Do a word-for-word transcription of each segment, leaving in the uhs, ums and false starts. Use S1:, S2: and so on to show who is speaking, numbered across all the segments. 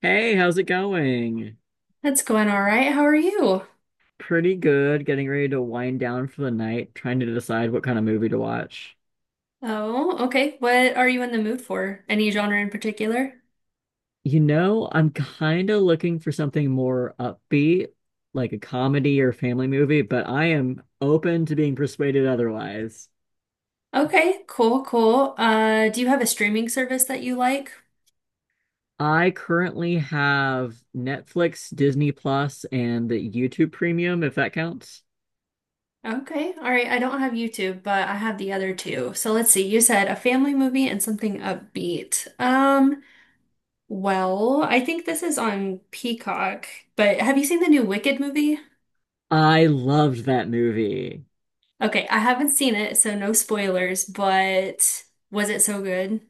S1: Hey, how's it going?
S2: That's going all right. How are you?
S1: Pretty good. Getting ready to wind down for the night, trying to decide what kind of movie to watch.
S2: Oh, okay. What are you in the mood for? Any genre in particular?
S1: You know, I'm kind of looking for something more upbeat, like a comedy or family movie, but I am open to being persuaded otherwise.
S2: Okay, cool, cool. Uh, do you have a streaming service that you like?
S1: I currently have Netflix, Disney Plus, and the YouTube Premium, if that counts.
S2: Okay, all right. I don't have YouTube, but I have the other two. So let's see. You said a family movie and something upbeat. Um, well, I think this is on Peacock, but have you seen the new Wicked movie?
S1: I loved that movie.
S2: Okay, I haven't seen it, so no spoilers, but was it so good?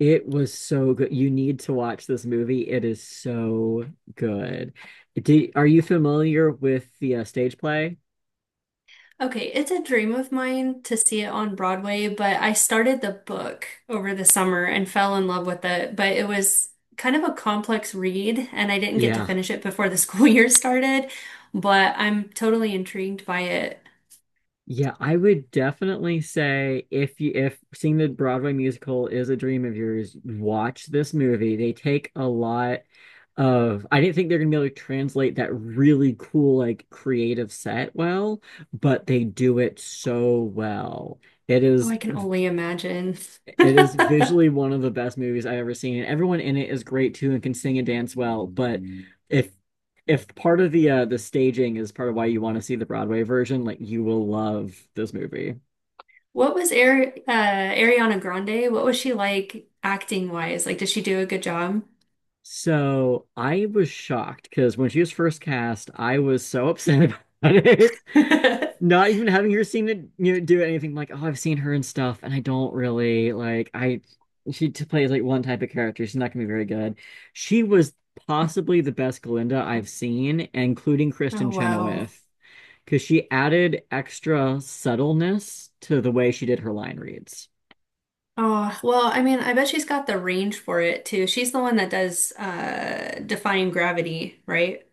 S1: It was so good. You need to watch this movie. It is so good. Do, are you familiar with the uh, stage play?
S2: Okay, it's a dream of mine to see it on Broadway, but I started the book over the summer and fell in love with it. But it was kind of a complex read, and I didn't get to
S1: Yeah.
S2: finish it before the school year started. But I'm totally intrigued by it.
S1: Yeah, I would definitely say if you if seeing the Broadway musical is a dream of yours, watch this movie. They take a lot of I didn't think they're gonna be able to translate that really cool like creative set well, but they do it so well. It
S2: Oh, I
S1: is
S2: can only imagine.
S1: It is visually one of the best movies I've ever seen. And everyone in it is great too and can sing and dance well. But if if part of the uh, the staging is part of why you want to see the Broadway version, like you will love this movie.
S2: What was Ari uh, Ariana Grande? What was she like acting wise? Like, did she do a good job?
S1: So I was shocked because when she was first cast, I was so upset about it. Not even having her seen it, you know, do anything like, oh, I've seen her and stuff, and I don't really like I she t- plays like one type of character. She's not gonna be very good. She was possibly the best Glinda I've seen, including Kristen
S2: Oh, wow.
S1: Chenoweth, because she added extra subtleness to the way she did her line reads.
S2: Oh, well, I mean, I bet she's got the range for it too. She's the one that does uh defying gravity, right?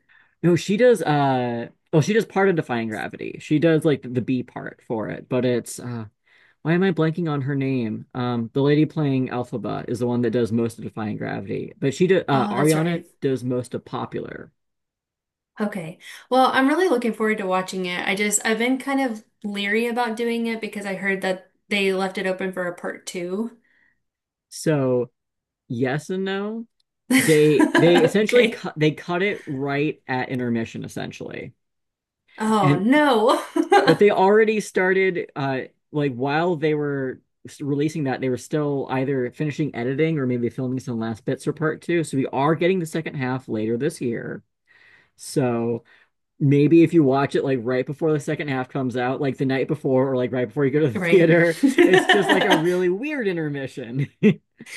S1: No, she does uh well, she does part of Defying Gravity. She does like the B part for it, but it's uh why am I blanking on her name? Um, the lady playing Elphaba is the one that does most of Defying Gravity, but she did uh,
S2: Oh, that's
S1: Ariana
S2: right.
S1: does most of Popular.
S2: Okay. Well, I'm really looking forward to watching it. I just I've been kind of leery about doing it because I heard that they left it open for a part two.
S1: So yes and no. They they essentially
S2: Okay.
S1: cut they cut it right at intermission essentially,
S2: Oh
S1: and
S2: no.
S1: but they already started uh like while they were releasing that they were still either finishing editing or maybe filming some last bits for part two. So we are getting the second half later this year. So maybe if you watch it like right before the second half comes out, like the night before or like right before you go to the
S2: Right.
S1: theater, it's just like a really weird intermission.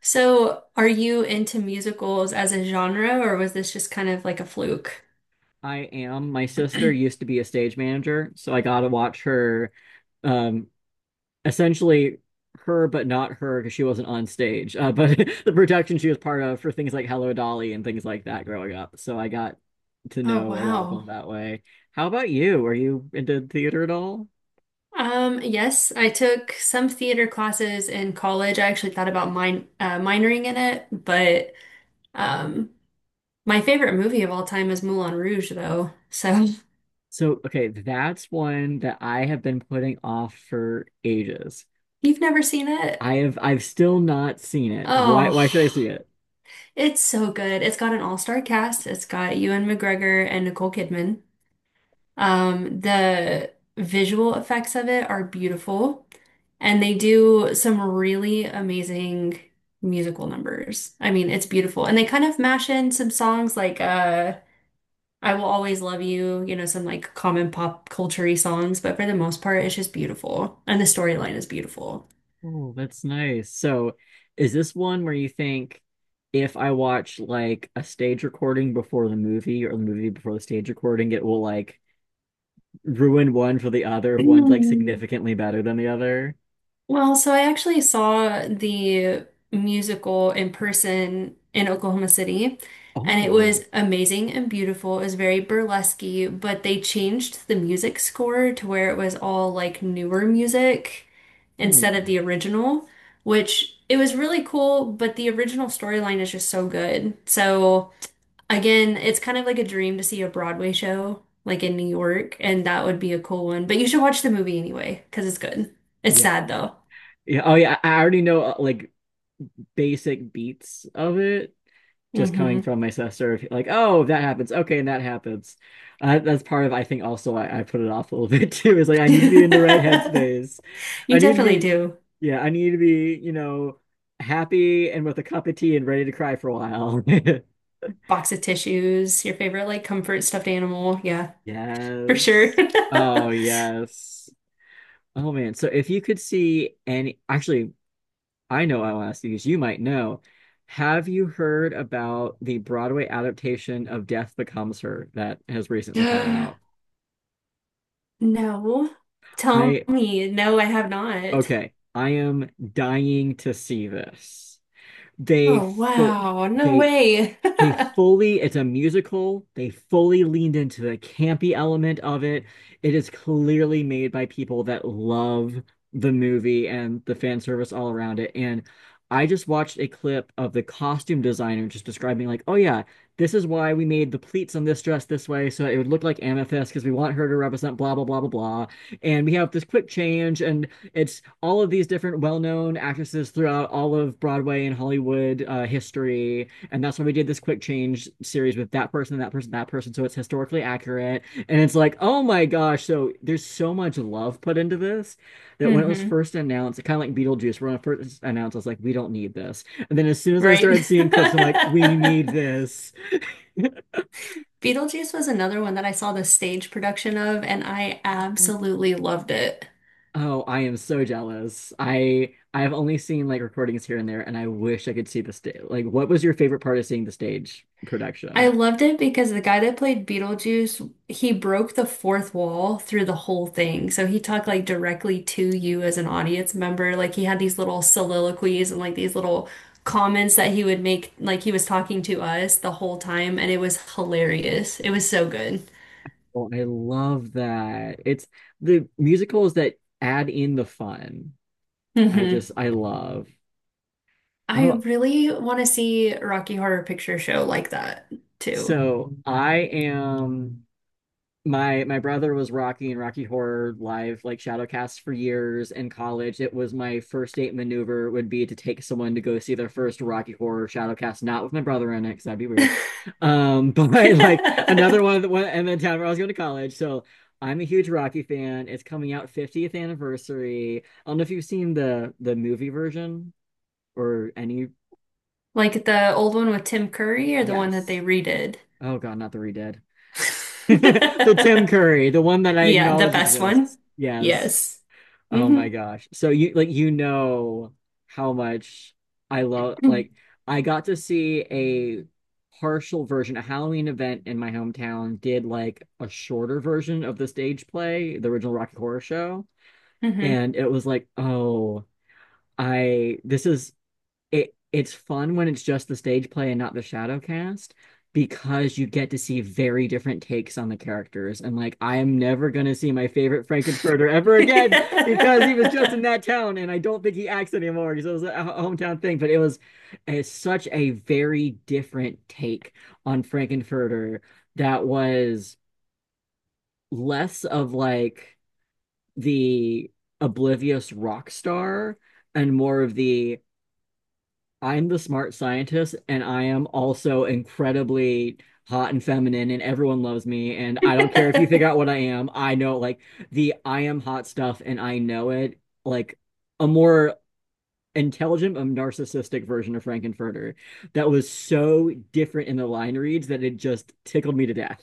S2: So, are you into musicals as a genre, or was this just kind of like a fluke?
S1: I am. My sister used to be a stage manager, so I got to watch her um essentially her but not her because she wasn't on stage. Uh, but the production she was part of for things like Hello Dolly and things like that growing up. So I got to
S2: Oh,
S1: know a lot of them
S2: wow.
S1: that way. How about you? Are you into theater at all?
S2: Um, yes, I took some theater classes in college. I actually thought about min uh, minoring in it, but um, my favorite movie of all time is Moulin Rouge, though. So
S1: So, okay, that's one that I have been putting off for ages.
S2: you've never seen it?
S1: I have I've still not seen it. Why why should I see
S2: Oh,
S1: it?
S2: it's so good. It's got an all-star cast. It's got Ewan McGregor and Nicole Kidman. Um, the visual effects of it are beautiful, and they do some really amazing musical numbers. I mean, it's beautiful. And they kind of mash in some songs like uh I Will Always Love You, you know, some like common pop culture songs, but for the most part, it's just beautiful. And the storyline is beautiful.
S1: Oh, that's nice. So, is this one where you think if I watch like a stage recording before the movie or the movie before the stage recording, it will like ruin one for the other if one's like
S2: Mm.
S1: significantly better than the other.
S2: Well, so I actually saw the musical in person in Oklahoma City, and it
S1: Oh.
S2: was amazing and beautiful. It was very burlesque, but they changed the music score to where it was all like newer music instead of
S1: Hmm.
S2: the original, which it was really cool, but the original storyline is just so good. So again, it's kind of like a dream to see a Broadway show like in New York, and that would be a cool one. But you should watch the movie anyway, because it's good. It's
S1: Yeah.
S2: sad though.
S1: Yeah. Oh, yeah. I I already know uh, like basic beats of it just coming
S2: Hmm.
S1: from my sister. If- like, oh, that happens. Okay. And that happens. Uh, that's part of, I think, also I, I put it off a little bit too. Is like, I need to be in the right headspace.
S2: You
S1: I need to
S2: definitely
S1: be,
S2: do.
S1: yeah, I need to be, you know, happy and with a cup of tea and ready to cry for a while.
S2: Box of tissues, your favorite like comfort stuffed animal. Yeah, for sure.
S1: Yes. Oh, yes. Oh man. So if you could see any, actually, I know I'll ask you because you might know. Have you heard about the Broadway adaptation of Death Becomes Her that has recently come out?
S2: No. Tell
S1: I,
S2: me. No, I have not.
S1: okay, I am dying to see this. They
S2: Oh,
S1: full,
S2: wow. No
S1: they
S2: way.
S1: They fully, it's a musical. They fully leaned into the campy element of it. It is clearly made by people that love the movie and the fan service all around it. And I just watched a clip of the costume designer just describing, like, oh yeah, this is why we made the pleats on this dress this way so it would look like Amethyst because we want her to represent blah, blah, blah, blah, blah. And we have this quick change, and it's all of these different well-known actresses throughout all of Broadway and Hollywood uh, history and that's why we did this quick change series with that person, that person, that person. So it's historically accurate. And it's like, oh my gosh. So there's so much love put into this that when it was
S2: Hmm.
S1: first announced, kind of like Beetlejuice, when it first announced, I was like, we don't need this. And then as soon as I
S2: Right.
S1: started seeing clips, I'm like, we need this.
S2: Beetlejuice was another one that I saw the stage production of, and I absolutely loved it.
S1: Oh, I am so jealous. I I have only seen like recordings here and there, and I wish I could see the stage. Like, what was your favorite part of seeing the stage
S2: I
S1: production?
S2: loved it because the guy that played Beetlejuice, he broke the fourth wall through the whole thing. So he talked like directly to you as an audience member. Like he had these little soliloquies and like these little comments that he would make, like he was talking to us the whole time, and it was hilarious. It was so good.
S1: Oh, I love that. It's the musicals that add in the fun. I
S2: Hmm.
S1: just, I love.
S2: I
S1: Oh,
S2: really want to see Rocky Horror Picture Show like that too.
S1: so I am. My my brother was rocking Rocky Horror Live like Shadowcast for years in college. It was my first date maneuver would be to take someone to go see their first Rocky Horror Shadowcast, not with my brother in it, because that'd be weird. Um, but like another one that went and then town where I was going to college. So I'm a huge Rocky fan. It's coming out fiftieth anniversary. I don't know if you've seen the the movie version or any.
S2: Like the old one with Tim Curry or the one that they
S1: Yes.
S2: redid?
S1: Oh God, not the redid. The Tim Curry, the one that I
S2: Yeah, the
S1: acknowledge
S2: best one.
S1: exists. Yes.
S2: Yes.
S1: Oh my
S2: Hmm.
S1: gosh. So you like you know how much I love
S2: Hmm.
S1: like I got to see a partial version, a Halloween event in my hometown did like a shorter version of the stage play, the original Rocky Horror Show, and it was like, "Oh, I this is it it's fun when it's just the stage play and not the shadow cast because you get to see very different takes on the characters and like I am never gonna see my favorite Frankenfurter ever again because he was just in that town and I don't think he acts anymore because it was a hometown thing but it was it's such a very different take on Frankenfurter that was less of like the oblivious rock star and more of the I'm the smart scientist, and I am also incredibly hot and feminine, and everyone loves me. And I don't care if you figure out what I am. I know, like, the I am hot stuff, and I know it. Like, a more intelligent, um, narcissistic version of Frankenfurter that was so different in the line reads that it just tickled me to death.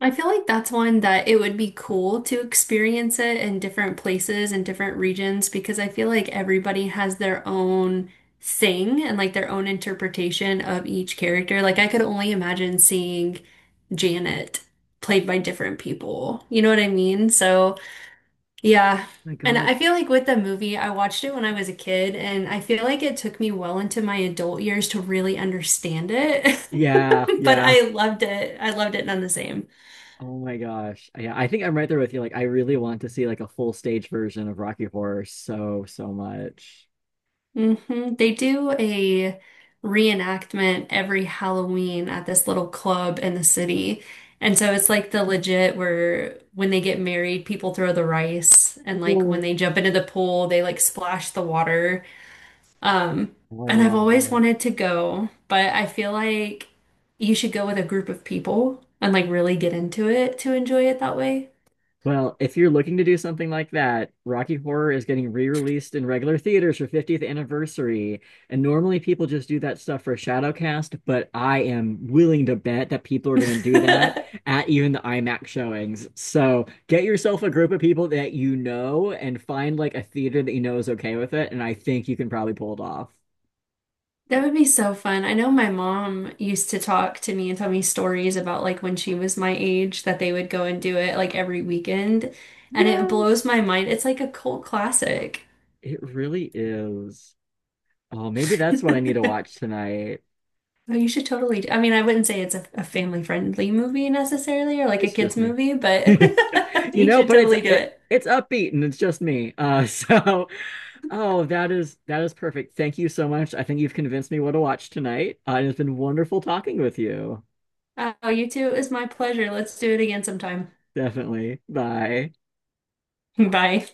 S2: I feel like that's one that it would be cool to experience it in different places and different regions because I feel like everybody has their own thing and like their own interpretation of each character. Like I could only imagine seeing Janet played by different people. You know what I mean? So yeah.
S1: My
S2: And
S1: God.
S2: I feel like with the movie, I watched it when I was a kid, and I feel like it took me well into my adult years to really understand it.
S1: Yeah,
S2: But
S1: yeah.
S2: I loved it. I loved it none the same.
S1: Oh my gosh. Yeah, I think I'm right there with you. Like, I really want to see like a full stage version of Rocky Horror so, so much.
S2: Hmm. They do a reenactment every Halloween at this little club in the city. And so it's like the legit where when they get married, people throw the rice, and like when they jump into the pool, they like splash the water. Um,
S1: Oh, I
S2: and I've
S1: love
S2: always
S1: that.
S2: wanted to go, but I feel like you should go with a group of people and like really get into it to enjoy it that way.
S1: Well, if you're looking to do something like that, Rocky Horror is getting re-released in regular theaters for fiftieth anniversary. And normally people just do that stuff for Shadowcast, but I am willing to bet that people are going to do that at even the IMAX showings. So get yourself a group of people that you know and find like a theater that you know is okay with it. And I think you can probably pull it off.
S2: That would be so fun. I know my mom used to talk to me and tell me stories about like when she was my age that they would go and do it like every weekend. And it blows my
S1: Yes,
S2: mind. It's like a cult classic.
S1: it really is. Oh, maybe that's what I need to watch tonight.
S2: Oh, you should totally do. I mean, I wouldn't say it's a, a family friendly movie necessarily or like a
S1: It's
S2: kids
S1: just me.
S2: movie, but
S1: you
S2: you
S1: know,
S2: should
S1: but it's
S2: totally do
S1: it,
S2: it.
S1: it's upbeat and it's just me. Uh, so oh, that is that is perfect. Thank you so much. I think you've convinced me what to watch tonight. Uh, it's been wonderful talking with you.
S2: Oh, you too. It was my pleasure. Let's do it again sometime.
S1: Definitely. Bye.
S2: Bye.